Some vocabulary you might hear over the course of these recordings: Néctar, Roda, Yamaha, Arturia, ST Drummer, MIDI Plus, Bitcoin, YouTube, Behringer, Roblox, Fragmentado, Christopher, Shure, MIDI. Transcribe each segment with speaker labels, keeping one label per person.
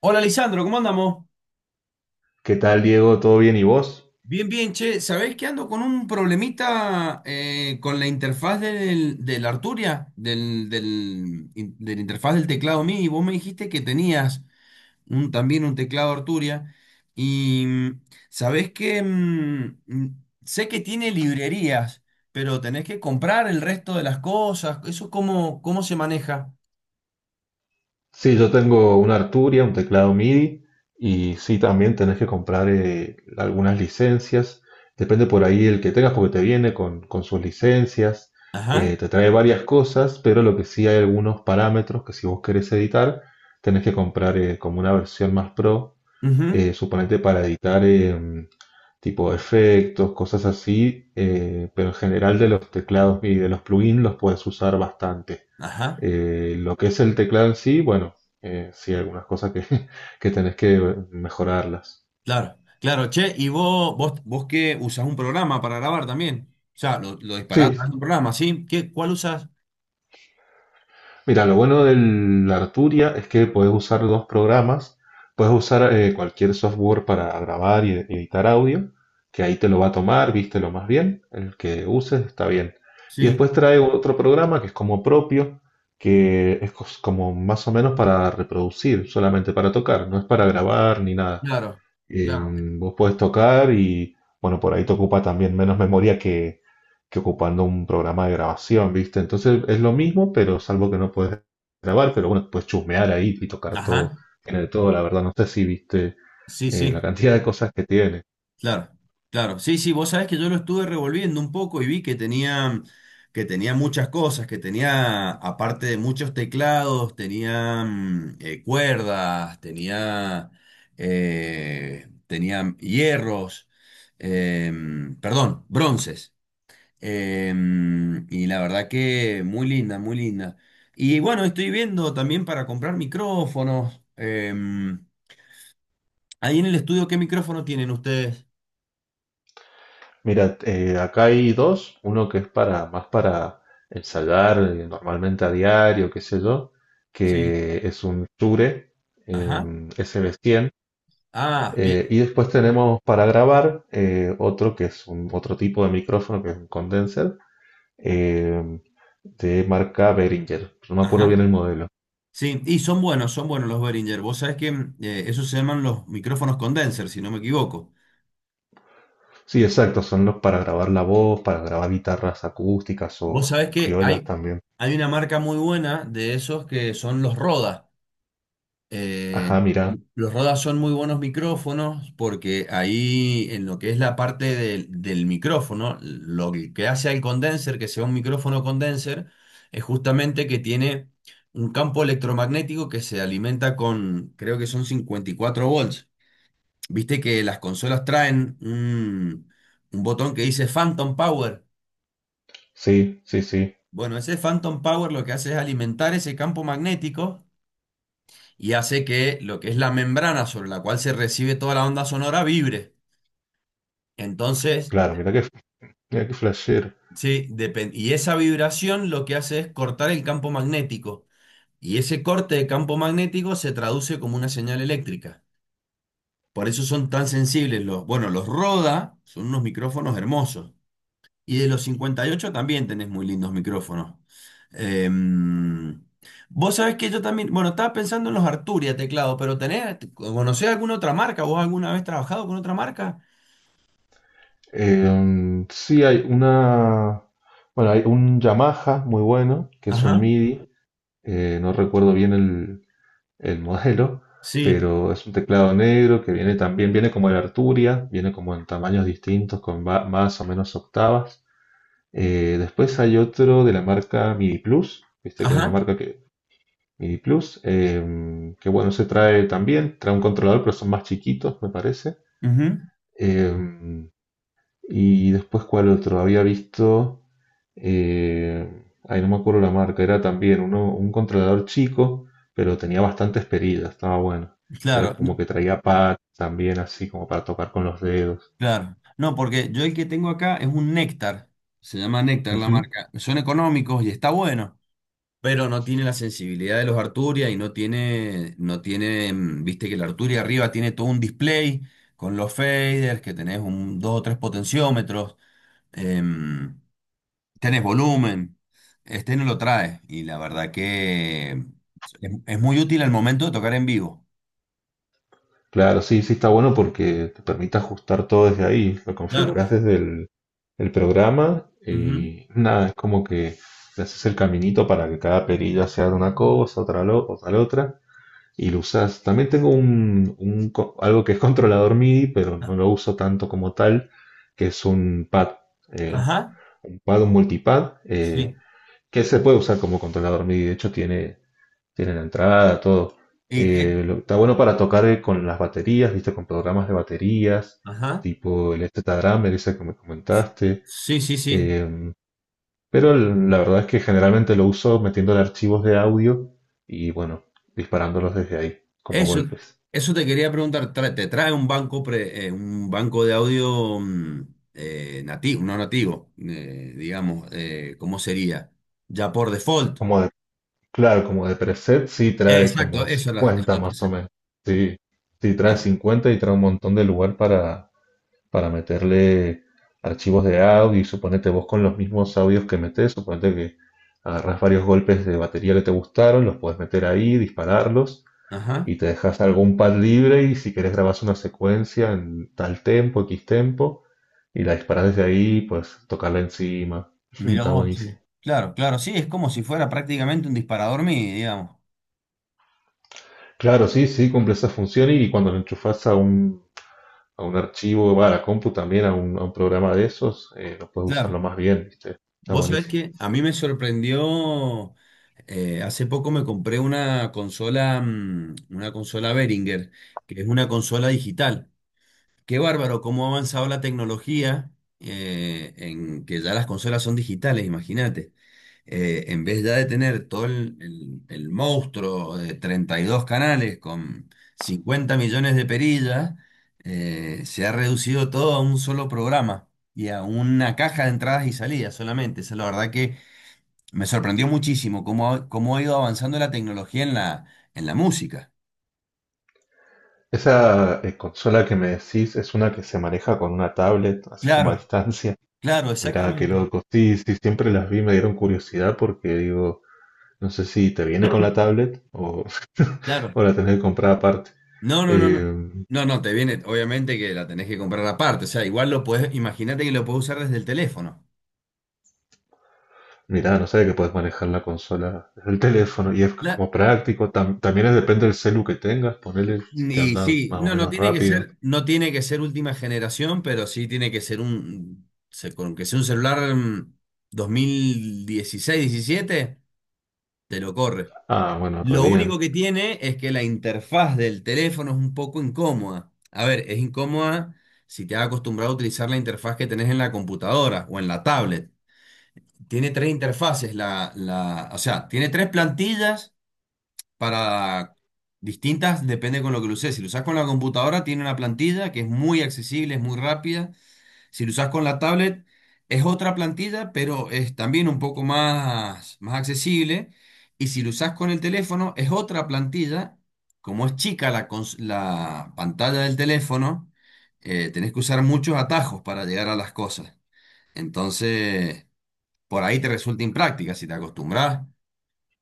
Speaker 1: Hola, Lisandro, ¿cómo andamos?
Speaker 2: ¿Qué tal, Diego? ¿Todo bien y vos?
Speaker 1: Bien, bien, che. ¿Sabéis que ando con un problemita con la interfaz del Arturia, de la interfaz del teclado MIDI? Vos me dijiste que tenías un, también un teclado Arturia y sabés que sé que tiene librerías, pero tenés que comprar el resto de las cosas. ¿Eso cómo se maneja?
Speaker 2: Sí, yo tengo una Arturia, un teclado MIDI y sí, también tenés que comprar algunas licencias. Depende por ahí el que tengas porque te viene con sus licencias,
Speaker 1: Ajá,
Speaker 2: te trae varias cosas, pero lo que sí hay algunos parámetros que si vos querés editar, tenés que comprar como una versión más pro,
Speaker 1: ujú,
Speaker 2: suponete para editar tipo efectos, cosas así, pero en general de los teclados y de los plugins los puedes usar bastante.
Speaker 1: ajá.
Speaker 2: Lo que es el teclado en sí, bueno, sí, algunas cosas que, que tenés que mejorarlas.
Speaker 1: Claro, claro, che, y vos que usás un programa para grabar también. O sea, lo disparás a
Speaker 2: Sí,
Speaker 1: través de un programa, ¿sí? ¿ cuál usás?
Speaker 2: mira, lo bueno del Arturia es que podés usar dos programas. Puedes usar cualquier software para grabar y editar audio, que ahí te lo va a tomar, vístelo más bien, el que uses está bien. Y
Speaker 1: Sí,
Speaker 2: después trae otro programa que es como propio, que es como más o menos para reproducir, solamente para tocar, no es para grabar ni nada.
Speaker 1: claro,
Speaker 2: Eh,
Speaker 1: claro.
Speaker 2: Vos podés tocar y, bueno, por ahí te ocupa también menos memoria que ocupando un programa de grabación, ¿viste? Entonces es lo mismo, pero salvo que no puedes grabar, pero bueno, puedes chusmear ahí y tocar todo,
Speaker 1: Ajá,
Speaker 2: tiene de todo, la verdad. No sé si viste
Speaker 1: sí,
Speaker 2: la
Speaker 1: sí,
Speaker 2: cantidad de cosas que tiene.
Speaker 1: claro, claro. Sí, sí, vos sabés que yo lo estuve revolviendo un poco y vi que tenía muchas cosas, que tenía, aparte de muchos teclados, tenía cuerdas, tenía hierros, perdón, bronces. Y la verdad que muy linda, muy linda. Y bueno, estoy viendo también para comprar micrófonos. Ahí en el estudio, ¿qué micrófono tienen ustedes?
Speaker 2: Mira, acá hay dos, uno que es para más para ensayar normalmente a diario, qué sé yo,
Speaker 1: Sí.
Speaker 2: que es un Shure
Speaker 1: Ajá.
Speaker 2: eh,
Speaker 1: Ah, bien.
Speaker 2: Y después tenemos para grabar otro que es otro tipo de micrófono que es un condenser eh, de marca Behringer. No me acuerdo bien
Speaker 1: Ajá.
Speaker 2: el modelo.
Speaker 1: Sí, y son buenos los Behringer. Vos sabés que esos se llaman los micrófonos condenser, si no me equivoco.
Speaker 2: Sí, exacto, son los para grabar la voz, para grabar guitarras acústicas
Speaker 1: Vos sabés
Speaker 2: o
Speaker 1: que
Speaker 2: criollas
Speaker 1: hay,
Speaker 2: también.
Speaker 1: hay una marca muy buena de esos que son los Roda. Eh,
Speaker 2: Ajá, mira,
Speaker 1: Los Rodas son muy buenos micrófonos porque ahí en lo que es la parte del micrófono, lo que hace al condenser, que sea un micrófono condenser, es justamente que tiene un campo electromagnético que se alimenta con, creo que son 54 volts. Viste que las consolas traen un botón que dice Phantom Power.
Speaker 2: sí, sí, sí,
Speaker 1: Bueno, ese Phantom Power lo que hace es alimentar ese campo magnético y hace que lo que es la membrana sobre la cual se recibe toda la onda sonora vibre. Entonces,
Speaker 2: claro, mira que flasher.
Speaker 1: sí, y esa vibración lo que hace es cortar el campo magnético. Y ese corte de campo magnético se traduce como una señal eléctrica. Por eso son tan sensibles los, bueno, los Roda son unos micrófonos hermosos. Y de los 58 también tenés muy lindos micrófonos. Em, vos sabés que yo también, bueno, estaba pensando en los Arturia teclado, pero ¿conocés alguna otra marca? ¿Vos alguna vez trabajado con otra marca?
Speaker 2: Sí, hay una, bueno, hay un Yamaha muy bueno, que es un
Speaker 1: Ajá,
Speaker 2: MIDI, no recuerdo bien el modelo,
Speaker 1: sí,
Speaker 2: pero es un teclado negro que viene también, viene como el Arturia, viene como en tamaños distintos, con más o menos octavas. Después hay otro de la marca MIDI Plus, viste que hay una
Speaker 1: ajá,
Speaker 2: marca que MIDI Plus, que bueno, se trae también, trae un controlador, pero son más chiquitos, me parece.
Speaker 1: ujú,
Speaker 2: Eh, y después, ¿cuál otro? Había visto eh, ahí no me acuerdo la marca, era también uno, un controlador chico, pero tenía bastantes perillas, estaba bueno. Era
Speaker 1: claro.
Speaker 2: como que traía pads también, así como para tocar con los dedos.
Speaker 1: Claro. No, porque yo el que tengo acá es un néctar. Se llama Néctar la
Speaker 2: Ujú.
Speaker 1: marca. Son económicos y está bueno, pero no tiene la sensibilidad de los Arturia y no tiene, viste que el Arturia arriba tiene todo un display con los faders, que tenés un, dos o tres potenciómetros, em, tenés volumen. Este no lo trae y la verdad que es muy útil al momento de tocar en vivo.
Speaker 2: Claro, sí, sí está bueno porque te permite ajustar todo desde ahí. Lo
Speaker 1: Claro.
Speaker 2: configuras desde el programa
Speaker 1: Ujú.
Speaker 2: y nada, es como que le haces el caminito para que cada perilla sea de una cosa, otra la otra. Y lo usas. También tengo un algo que es controlador MIDI, pero
Speaker 1: Ah,
Speaker 2: no lo uso tanto como tal, que es un pad, eh,
Speaker 1: ajá.
Speaker 2: un pad, un multipad,
Speaker 1: Sí.
Speaker 2: que se puede usar como controlador MIDI. De hecho, tiene la entrada, todo.
Speaker 1: Y,
Speaker 2: Está bueno para tocar con las baterías, viste, con programas de baterías,
Speaker 1: ajá.
Speaker 2: tipo el ST Drummer, ese que me comentaste.
Speaker 1: Sí, sí, sí.
Speaker 2: Em, pero la verdad es que generalmente lo uso metiéndole archivos de audio y bueno, disparándolos desde ahí, como
Speaker 1: Eso,
Speaker 2: golpes.
Speaker 1: eso te quería preguntar. ¿Te trae un banco de audio nativo, no nativo, digamos, ¿cómo sería? Ya por default.
Speaker 2: Como Claro, como de preset sí
Speaker 1: Eh,
Speaker 2: trae
Speaker 1: exacto,
Speaker 2: como
Speaker 1: Eso es
Speaker 2: 50
Speaker 1: lo
Speaker 2: más
Speaker 1: que
Speaker 2: o menos. Sí, sí trae
Speaker 1: claro.
Speaker 2: 50 y trae un montón de lugar para meterle archivos de audio y suponete vos con los mismos audios que metés, suponete que agarrás varios golpes de batería que te gustaron, los puedes meter ahí, dispararlos
Speaker 1: Ajá.
Speaker 2: y te dejas algún pad libre y si querés grabás una secuencia en tal tempo, X tempo y la disparás desde ahí, pues tocarla encima.
Speaker 1: Mira
Speaker 2: Está
Speaker 1: vos, sí.
Speaker 2: buenísimo.
Speaker 1: Claro, claro, sí, es como si fuera prácticamente un disparador MIDI, digamos.
Speaker 2: Claro, sí, sí, cumple esa función y cuando lo enchufas a un archivo, va a la compu también, a a un programa de esos, lo puedes usarlo
Speaker 1: Claro.
Speaker 2: más bien, ¿viste? Está
Speaker 1: Vos sabés
Speaker 2: buenísimo.
Speaker 1: que a mí me sorprendió, hace poco me compré una consola, una consola Behringer, que es una consola digital. Qué bárbaro cómo ha avanzado la tecnología, en que ya las consolas son digitales, imagínate en vez ya de tener todo el monstruo de 32 canales con 50 millones de perillas, se ha reducido todo a un solo programa y a una caja de entradas y salidas solamente. Esa es la verdad que me sorprendió muchísimo cómo ha ido avanzando la tecnología en la música.
Speaker 2: Esa consola que me decís es una que se maneja con una tablet, así como a
Speaker 1: Claro,
Speaker 2: distancia.
Speaker 1: claro,
Speaker 2: Mirá, qué
Speaker 1: exactamente.
Speaker 2: loco. Sí, sí, siempre las vi, me dieron curiosidad porque digo, no sé si te viene con la tablet o,
Speaker 1: Claro.
Speaker 2: o la tenés que comprar aparte.
Speaker 1: No, no, no, no.
Speaker 2: Eh,
Speaker 1: No, no, te viene, obviamente que la tenés que comprar aparte. O sea, igual imagínate que lo podés usar desde el teléfono.
Speaker 2: Mirá, no sabía que puedes manejar la consola desde el teléfono y es como práctico. También depende del celu que tengas, ponele si te
Speaker 1: Y
Speaker 2: anda
Speaker 1: sí,
Speaker 2: más o
Speaker 1: no, no
Speaker 2: menos
Speaker 1: tiene que
Speaker 2: rápido.
Speaker 1: ser, no tiene que ser última generación, pero sí tiene que ser con que sea un celular 2016, 17, te lo corre.
Speaker 2: Ah, bueno, re
Speaker 1: Lo único
Speaker 2: bien.
Speaker 1: que tiene es que la interfaz del teléfono es un poco incómoda. A ver, es incómoda si te has acostumbrado a utilizar la interfaz que tenés en la computadora o en la tablet. Tiene tres interfaces, o sea, tiene tres plantillas para distintas, depende con lo que lo uses. Si lo usas con la computadora, tiene una plantilla que es muy accesible, es muy rápida. Si lo usas con la tablet, es otra plantilla, pero es también un poco más, más accesible. Y si lo usas con el teléfono, es otra plantilla. Como es chica la pantalla del teléfono, tenés que usar muchos atajos para llegar a las cosas. Entonces, por ahí te resulta impráctica. Si te acostumbras,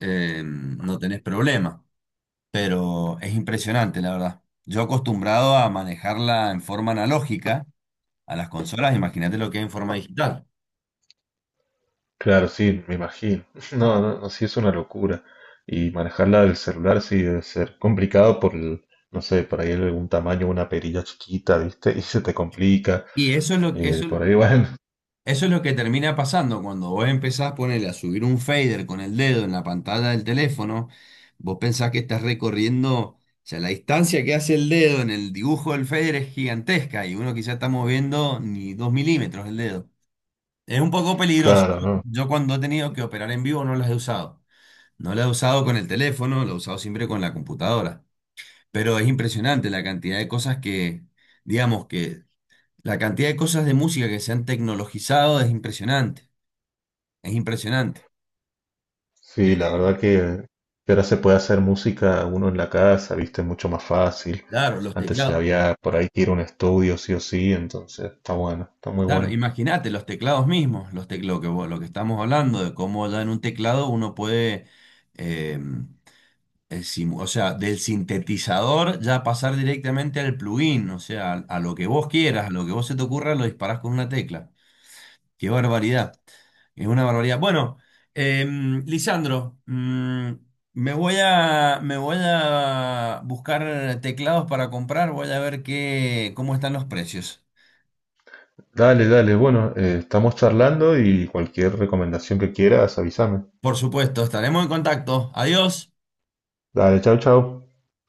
Speaker 1: no tenés problema, pero es impresionante, la verdad. Yo acostumbrado a manejarla en forma analógica a las consolas, imagínate lo que es en forma digital.
Speaker 2: Claro, sí, me imagino. No, no, no, sí es una locura. Y manejarla del celular sí debe ser complicado por el, no sé, por ahí algún tamaño, una perilla chiquita, ¿viste? Y se te complica.
Speaker 1: Y eso es lo, eso,
Speaker 2: Por ahí, bueno,
Speaker 1: eso es lo que termina pasando cuando vos empezás ponerle a subir un fader con el dedo en la pantalla del teléfono. Vos pensás que estás recorriendo, o sea, la distancia que hace el dedo en el dibujo del fader es gigantesca y uno quizás está moviendo ni 2 milímetros el dedo. Es un poco peligroso.
Speaker 2: claro, ¿no?
Speaker 1: Yo cuando he tenido que operar en vivo no las he usado. No la he usado con el teléfono, la he usado siempre con la computadora. Pero es impresionante la cantidad de cosas que, digamos que la cantidad de cosas de música que se han tecnologizado es impresionante. Es impresionante. Eh,
Speaker 2: Sí, la verdad que ahora se puede hacer música uno en la casa, ¿viste? Mucho más fácil.
Speaker 1: claro, los
Speaker 2: Antes se
Speaker 1: teclados.
Speaker 2: había por ahí que ir a un estudio, sí o sí, entonces está bueno, está muy
Speaker 1: Claro,
Speaker 2: bueno.
Speaker 1: imagínate los teclados mismos, los teclados que lo que estamos hablando de cómo ya en un teclado uno puede, eh, o sea, del sintetizador ya pasar directamente al plugin, o sea, a lo que vos quieras, a lo que vos se te ocurra, lo disparás con una tecla. Qué barbaridad. Es una barbaridad. Bueno, Lisandro, me voy a buscar teclados para comprar. Voy a ver cómo están los precios.
Speaker 2: Dale, dale, bueno, estamos charlando y cualquier recomendación que quieras, avísame.
Speaker 1: Por supuesto, estaremos en contacto. Adiós.
Speaker 2: Dale, chau, chau.